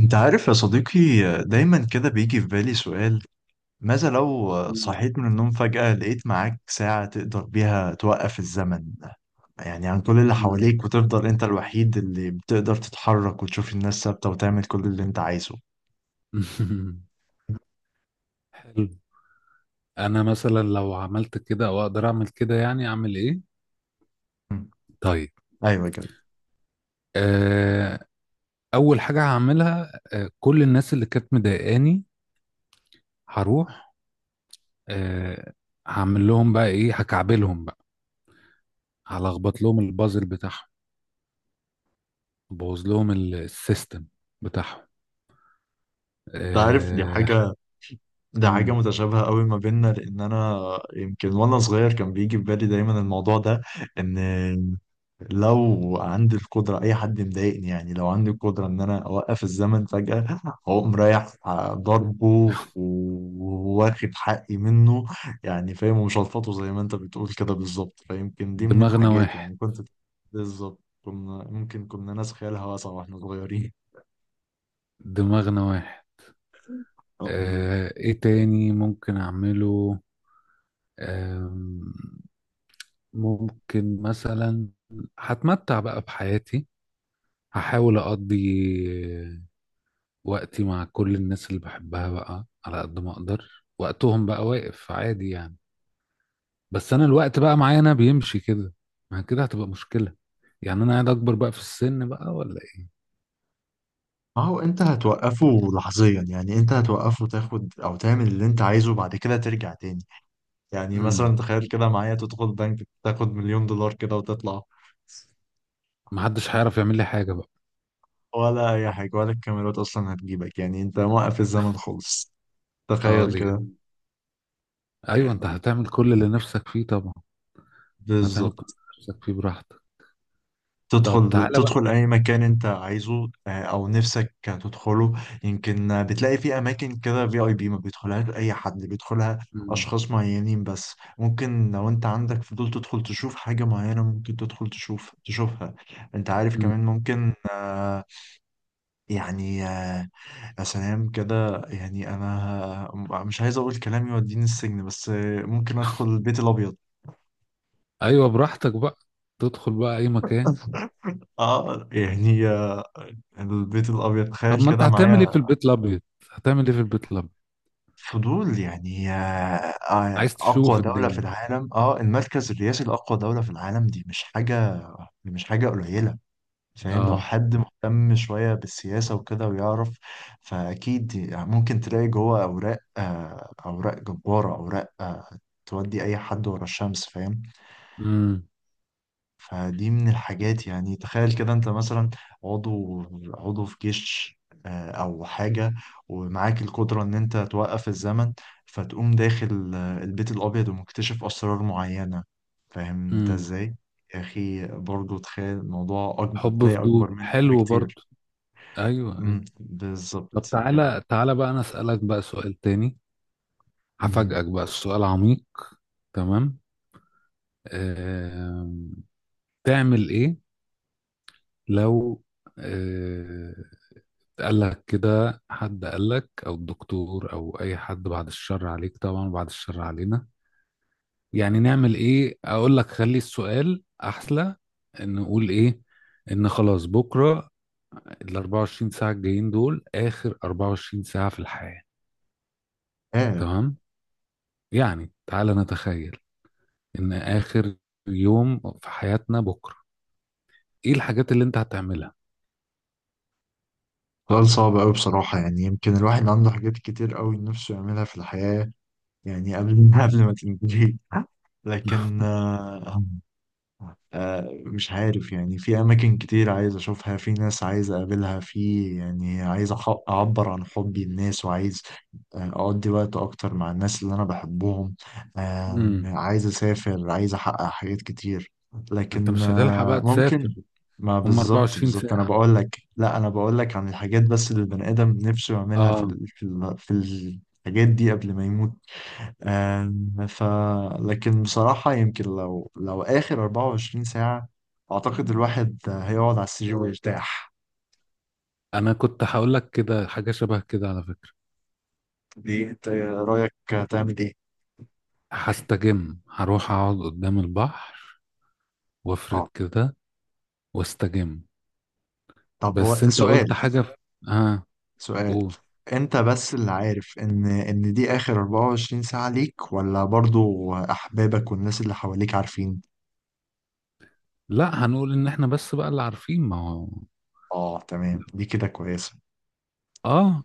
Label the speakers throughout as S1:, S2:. S1: انت عارف يا صديقي، دايما كده بيجي في بالي سؤال. ماذا لو
S2: مم.
S1: صحيت من النوم فجأة لقيت معاك ساعة تقدر بيها توقف الزمن، يعني عن كل اللي
S2: مم.
S1: حواليك، وتفضل انت الوحيد اللي بتقدر تتحرك وتشوف الناس ثابتة وتعمل كل اللي انت عايزه.
S2: حلو. انا مثلا لو عملت كده او اقدر اعمل كده يعني اعمل ايه؟
S1: مم.
S2: طيب.
S1: ايوه كده.
S2: آه. اول حاجه هعملها، آه، كل الناس اللي كانت مضايقاني هروح. آه. هعمل لهم بقى ايه، هكعبلهم بقى، هلخبط لهم البازل بتاعهم، بوظ لهم السيستم بتاعهم.
S1: انت عارف، دي
S2: آه.
S1: حاجة ده حاجة
S2: مم.
S1: متشابهة قوي ما بيننا، لأن أنا يمكن وأنا صغير كان بيجي في بالي دايما الموضوع ده. إن لو عندي القدرة أي حد مضايقني، يعني لو عندي القدرة إن أنا أوقف الزمن فجأة، أقوم رايح ضربه وواخد حقي منه. يعني فاهم، ومش هلفظه زي ما أنت بتقول كده بالظبط، فيمكن دي من
S2: دماغنا
S1: الحاجات
S2: واحد،
S1: يعني كنت. بالظبط، كنا ممكن كنا ناس خيالها واسعة وإحنا صغيرين.
S2: دماغنا واحد. آه ايه تاني ممكن اعمله؟ آه، ممكن مثلا هتمتع بقى بحياتي، هحاول أقضي وقتي مع كل الناس اللي بحبها بقى على قد ما أقدر، وقتهم بقى واقف عادي يعني، بس أنا الوقت بقى معايا أنا بيمشي كده. ما كده هتبقى مشكلة، يعني أنا قاعد أكبر بقى في السن بقى ولا إيه؟
S1: ما هو انت هتوقفه لحظيا، يعني انت هتوقفه تاخد او تعمل اللي انت عايزه بعد كده ترجع تاني. يعني
S2: امم.
S1: مثلا تخيل كده معايا، تدخل بنك تاخد مليون دولار كده وتطلع.
S2: محدش هيعرف يعمل لي حاجة بقى.
S1: ولا اي حاجة، ولا الكاميرات اصلا هتجيبك، يعني انت موقف الزمن خالص.
S2: اه
S1: تخيل
S2: دي
S1: كده.
S2: جامدة. أيوة، أنت
S1: يعني
S2: هتعمل كل اللي نفسك فيه طبعا، هتعمل كل
S1: بالظبط.
S2: اللي نفسك فيه براحتك. طب
S1: تدخل
S2: تعالى بقى.
S1: تدخل أي مكان أنت عايزه، أو نفسك تدخله. يمكن بتلاقي في أماكن كده، في أي بي ما بيدخلهاش أي حد، بيدخلها
S2: امم.
S1: أشخاص معينين بس. ممكن لو أنت عندك فضول تدخل تشوف حاجة معينة، ممكن تدخل تشوف تشوفها. أنت عارف، كمان
S2: امم.
S1: ممكن يعني آه، يا سلام كده. يعني أنا مش عايز أقول كلام يوديني السجن، بس ممكن أدخل البيت الأبيض.
S2: أيوة براحتك بقى، تدخل بقى أي مكان.
S1: آه يعني، البيت الأبيض
S2: طب
S1: تخيل
S2: ما انت
S1: كده
S2: هتعمل ايه في
S1: معايا.
S2: البيت الابيض؟ هتعمل ايه في البيت الابيض؟
S1: فضول يعني
S2: عايز تشوف
S1: أقوى دولة في
S2: الدنيا.
S1: العالم، المركز الرئاسي لأقوى دولة في العالم. دي مش حاجة قليلة. فاهم، لو
S2: اه.
S1: حد مهتم شوية بالسياسة وكده ويعرف، فأكيد يعني ممكن تلاقي جوه أوراق، أوراق جبارة، أوراق تودي أي حد ورا الشمس. فاهم.
S2: امم.
S1: فدي من الحاجات. يعني تخيل كده، انت مثلا عضو عضو في جيش او حاجة، ومعاك القدرة ان انت توقف الزمن، فتقوم داخل البيت الابيض ومكتشف اسرار معينة. فاهم انت
S2: امم.
S1: ازاي؟ يا اخي، برضو تخيل الموضوع اكبر،
S2: حب
S1: تلاقي اكبر
S2: فضول،
S1: منك
S2: حلو
S1: بكتير.
S2: برضو. ايوه ايوه.
S1: مم،
S2: طب
S1: بالظبط كده.
S2: تعالى تعالى بقى، انا اسالك بقى سؤال تاني.
S1: مهم.
S2: هفاجئك بقى، السؤال عميق. تمام. آم، تعمل ايه لو آه، قال لك كده، حد قال لك او الدكتور او اي حد، بعد الشر عليك طبعا، بعد الشر علينا، يعني نعمل ايه؟ اقول لك خلي السؤال احلى، ان نقول ايه؟ ان خلاص بكره ال 24 ساعه الجايين دول اخر 24 ساعه في الحياه.
S1: ايه.
S2: تمام. يعني تعالى نتخيل ان اخر يوم في حياتنا بكره، ايه الحاجات اللي انت هتعملها؟
S1: سؤال صعب قوي بصراحة، يعني يمكن الواحد عنده حاجات كتير قوي نفسه يعملها في الحياة، يعني قبل قبل ما تنتهي. لكن مش عارف، يعني في أماكن كتير عايز أشوفها، في ناس عايز أقابلها، في يعني عايز أعبر عن حبي للناس، وعايز أقضي وقت أكتر مع الناس اللي أنا بحبهم،
S2: امم.
S1: عايز أسافر، عايز أحقق حاجات كتير،
S2: انت
S1: لكن
S2: مش هتلحق بقى
S1: ممكن.
S2: تسافر.
S1: ما
S2: هم
S1: بالظبط
S2: 24
S1: بالظبط، أنا
S2: ساعه.
S1: بقول لك، لا أنا بقول لك عن الحاجات بس اللي البني آدم نفسه يعملها في
S2: اه.
S1: في الحاجات دي قبل ما يموت. آم، ف لكن بصراحة، يمكن لو آخر 24 ساعة، أعتقد الواحد هيقعد على السرير ويرتاح.
S2: انا كنت هقول لك كده حاجه شبه كده على فكره.
S1: دي أنت رأيك، تعمل إيه؟
S2: هستجم، هروح اقعد قدام البحر، وافرد
S1: أه.
S2: كده، واستجم.
S1: طب
S2: بس
S1: هو
S2: انت
S1: سؤال،
S2: قلت حاجة في... اه
S1: سؤال
S2: قول.
S1: أنت بس اللي عارف إن دي آخر 24 ساعة ليك، ولا برضو أحبابك والناس اللي حواليك عارفين؟
S2: لا هنقول ان احنا بس بقى اللي عارفين ما هو.
S1: أه تمام، دي كده كويسة.
S2: اه.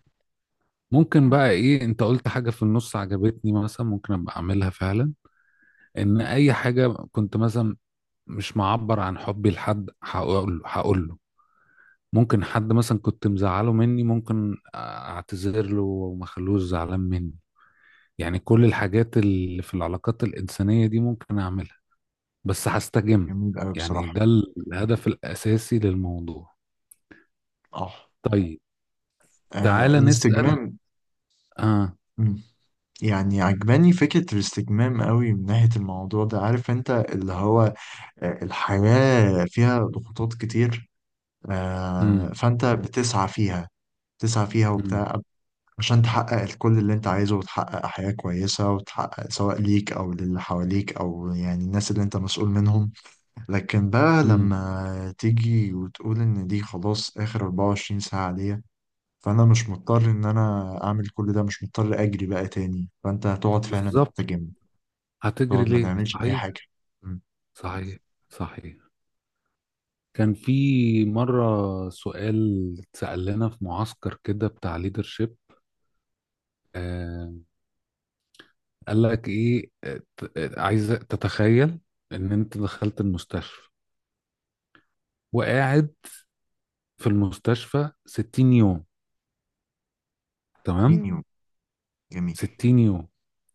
S2: ممكن
S1: م،
S2: بقى ايه، انت قلت حاجة في النص عجبتني مثلا، ممكن ابقى اعملها فعلا. ان اي حاجة كنت مثلا مش معبر عن حبي لحد، هقول له. ممكن حد مثلا كنت مزعله مني، ممكن اعتذر له وما اخلوش زعلان مني. يعني كل الحاجات اللي في العلاقات الإنسانية دي ممكن اعملها. بس هستجم،
S1: جميل أوي
S2: يعني
S1: بصراحة.
S2: ده الهدف الأساسي للموضوع.
S1: أه.
S2: طيب. تعالى نسأل.
S1: الاستجمام.
S2: اه.
S1: م. يعني عجباني فكرة الاستجمام قوي من ناحية الموضوع ده، عارف انت اللي هو الحياة فيها ضغوطات كتير،
S2: امم.
S1: فانت بتسعى فيها، تسعى فيها
S2: امم.
S1: وبتاع عشان تحقق كل اللي انت عايزه، وتحقق حياة كويسة، وتحقق سواء ليك او للي حواليك او يعني الناس اللي انت مسؤول منهم. لكن بقى
S2: امم.
S1: لما تيجي وتقول ان دي خلاص اخر 24 ساعة ليا، فانا مش مضطر ان انا اعمل كل ده، مش مضطر اجري بقى تاني، فانت هتقعد فعلا
S2: بالظبط.
S1: تستجم،
S2: هتجري
S1: تقعد ما
S2: ليه
S1: تعملش أي
S2: صحيح.
S1: حاجة. مم.
S2: صحيح، صحيح. كان في مرة سؤال اتسأل لنا في معسكر كده بتاع ليدرشيب. آه. قال لك ايه، عايزة تتخيل ان انت دخلت المستشفى، وقاعد في المستشفى 60 يوم. تمام.
S1: 30 يوم. جميل.
S2: 60 يوم.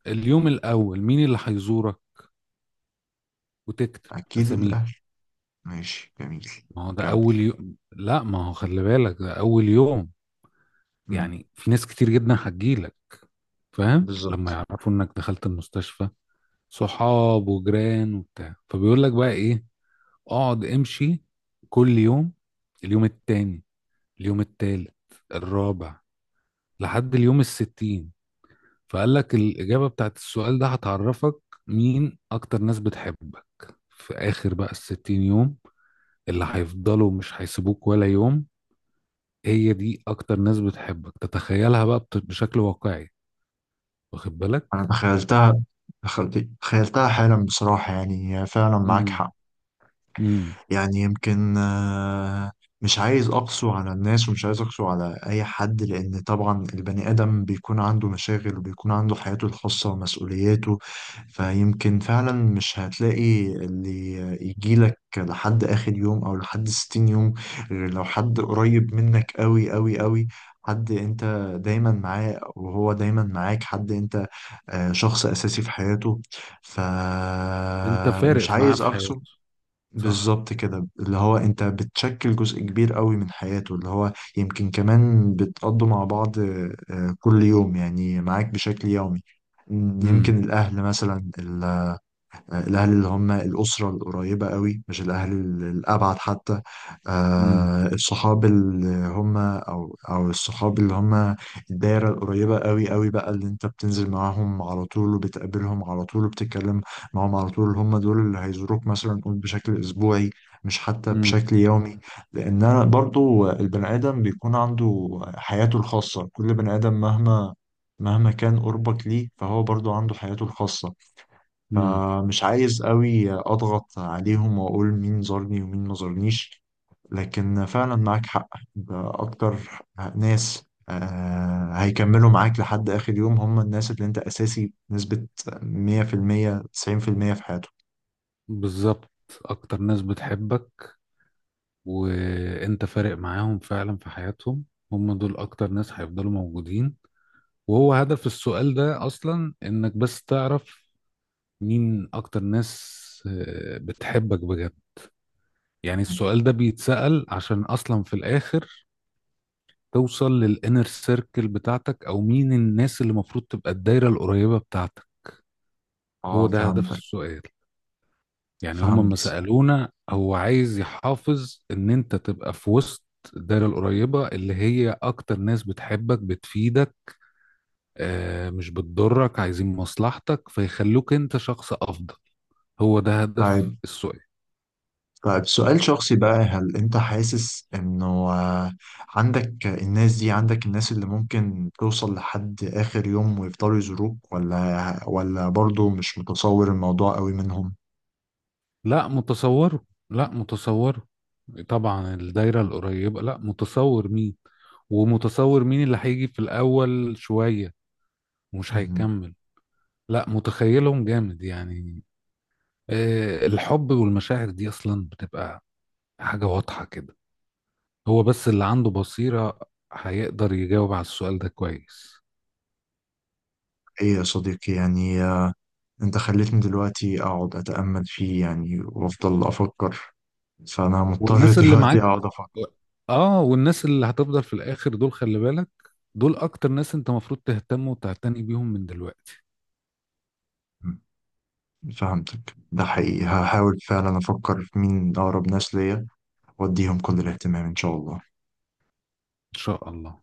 S2: اليوم الاول مين اللي هيزورك وتكتب
S1: أكيد
S2: اساميهم؟
S1: الأهل. ماشي جميل.
S2: ما هو ده
S1: كمل.
S2: اول يوم، لا ما هو خلي بالك ده اول يوم.
S1: مم.
S2: يعني في ناس كتير جدا هتجيلك، فاهم، لما
S1: بالظبط.
S2: يعرفوا انك دخلت المستشفى، صحاب وجيران وبتاع. فبيقول لك بقى ايه، اقعد امشي كل يوم، اليوم التاني، اليوم التالت، الرابع، لحد اليوم الستين. فقال لك الإجابة بتاعت السؤال ده هتعرفك مين أكتر ناس بتحبك. في آخر بقى الستين يوم، اللي هيفضلوا مش هيسيبوك ولا يوم، هي دي اكتر ناس بتحبك. تتخيلها بقى بشكل واقعي، واخد
S1: أنا
S2: بالك.
S1: تخيلتها، دخلت تخيلتها حالا بصراحة، يعني هي فعلا معاك
S2: امم.
S1: حق.
S2: امم.
S1: يعني يمكن مش عايز أقسو على الناس، ومش عايز أقسو على أي حد، لأن طبعا البني آدم بيكون عنده مشاغل، وبيكون عنده حياته الخاصة ومسؤولياته. فيمكن فعلا مش هتلاقي اللي يجيلك لحد آخر يوم أو لحد 60 يوم، غير لو حد قريب منك أوي أوي أوي، حد انت دايما معاه وهو دايما معاك، حد انت شخص اساسي في حياته.
S2: انت
S1: فمش
S2: فارق معاه
S1: عايز
S2: في
S1: اقسو.
S2: حياته. صح.
S1: بالظبط كده، اللي هو انت بتشكل جزء كبير قوي من حياته، اللي هو يمكن كمان بتقضوا مع بعض كل يوم، يعني معاك بشكل يومي.
S2: امم.
S1: يمكن الأهل مثلا، الأهل اللي هم الأسرة القريبة قوي، مش الأهل الأبعد حتى،
S2: امم.
S1: الصحاب اللي هم أو الصحاب اللي هم الدايرة القريبة قوي قوي بقى، اللي أنت بتنزل معاهم على طول وبتقابلهم على طول وبتتكلم معاهم على طول، هم دول اللي هيزوروك، مثلا قول بشكل أسبوعي، مش حتى
S2: امم.
S1: بشكل يومي. لأن أنا برضو، البني آدم بيكون عنده حياته الخاصة، كل بني آدم مهما كان قربك ليه، فهو برضو عنده حياته الخاصة.
S2: امم.
S1: فمش عايز قوي اضغط عليهم واقول مين زارني ومين ما زارنيش. لكن فعلا معاك حق، اكتر ناس هيكملوا معاك لحد اخر يوم، هم الناس اللي انت اساسي بنسبة 100% 90% في المية في حياتهم.
S2: بالظبط. اكتر ناس بتحبك، وانت فارق معاهم فعلا في حياتهم، هم دول اكتر ناس هيفضلوا موجودين. وهو هدف السؤال ده اصلا انك بس تعرف مين اكتر ناس، آه، بتحبك بجد. يعني السؤال ده بيتسأل عشان اصلا في الاخر توصل للانر سيركل بتاعتك، او مين الناس اللي المفروض تبقى الدايره القريبه بتاعتك. هو
S1: اه
S2: ده هدف
S1: فهمتك.
S2: السؤال. يعني هما لما
S1: فهمت.
S2: سالونا هو عايز يحافظ ان انت تبقى في وسط الدايره القريبه اللي هي اكتر ناس بتحبك، بتفيدك، آه، مش بتضرك، عايزين مصلحتك، فيخلوك انت شخص افضل. هو ده هدف
S1: طيب،
S2: السؤال.
S1: طيب سؤال شخصي بقى، هل انت حاسس انه عندك الناس دي، عندك الناس اللي ممكن توصل لحد اخر يوم ويفضلوا يزوروك، ولا برضو مش متصور الموضوع قوي منهم؟
S2: لا متصوره، لا متصوره. طبعا الدايرة القريبة لا متصور مين، ومتصور مين اللي هيجي في الأول شوية ومش
S1: مهم.
S2: هيكمل. لا متخيلهم جامد يعني. آه، الحب والمشاعر دي أصلا بتبقى حاجة واضحة كده. هو بس اللي عنده بصيرة هيقدر يجاوب على السؤال ده كويس.
S1: ايه يا صديقي، يعني انت خليتني دلوقتي اقعد اتأمل فيه، يعني وافضل افكر، فانا مضطر
S2: والناس اللي
S1: دلوقتي
S2: معاك.
S1: اقعد افكر.
S2: اه والناس اللي هتفضل في الآخر دول، خلي بالك، دول أكتر ناس أنت مفروض تهتم وتعتني بيهم من دلوقتي.
S1: مم. فهمتك، ده حقيقي. هحاول فعلا افكر في مين اقرب ناس ليا، واديهم كل الاهتمام ان شاء الله.
S2: ان شاء الله.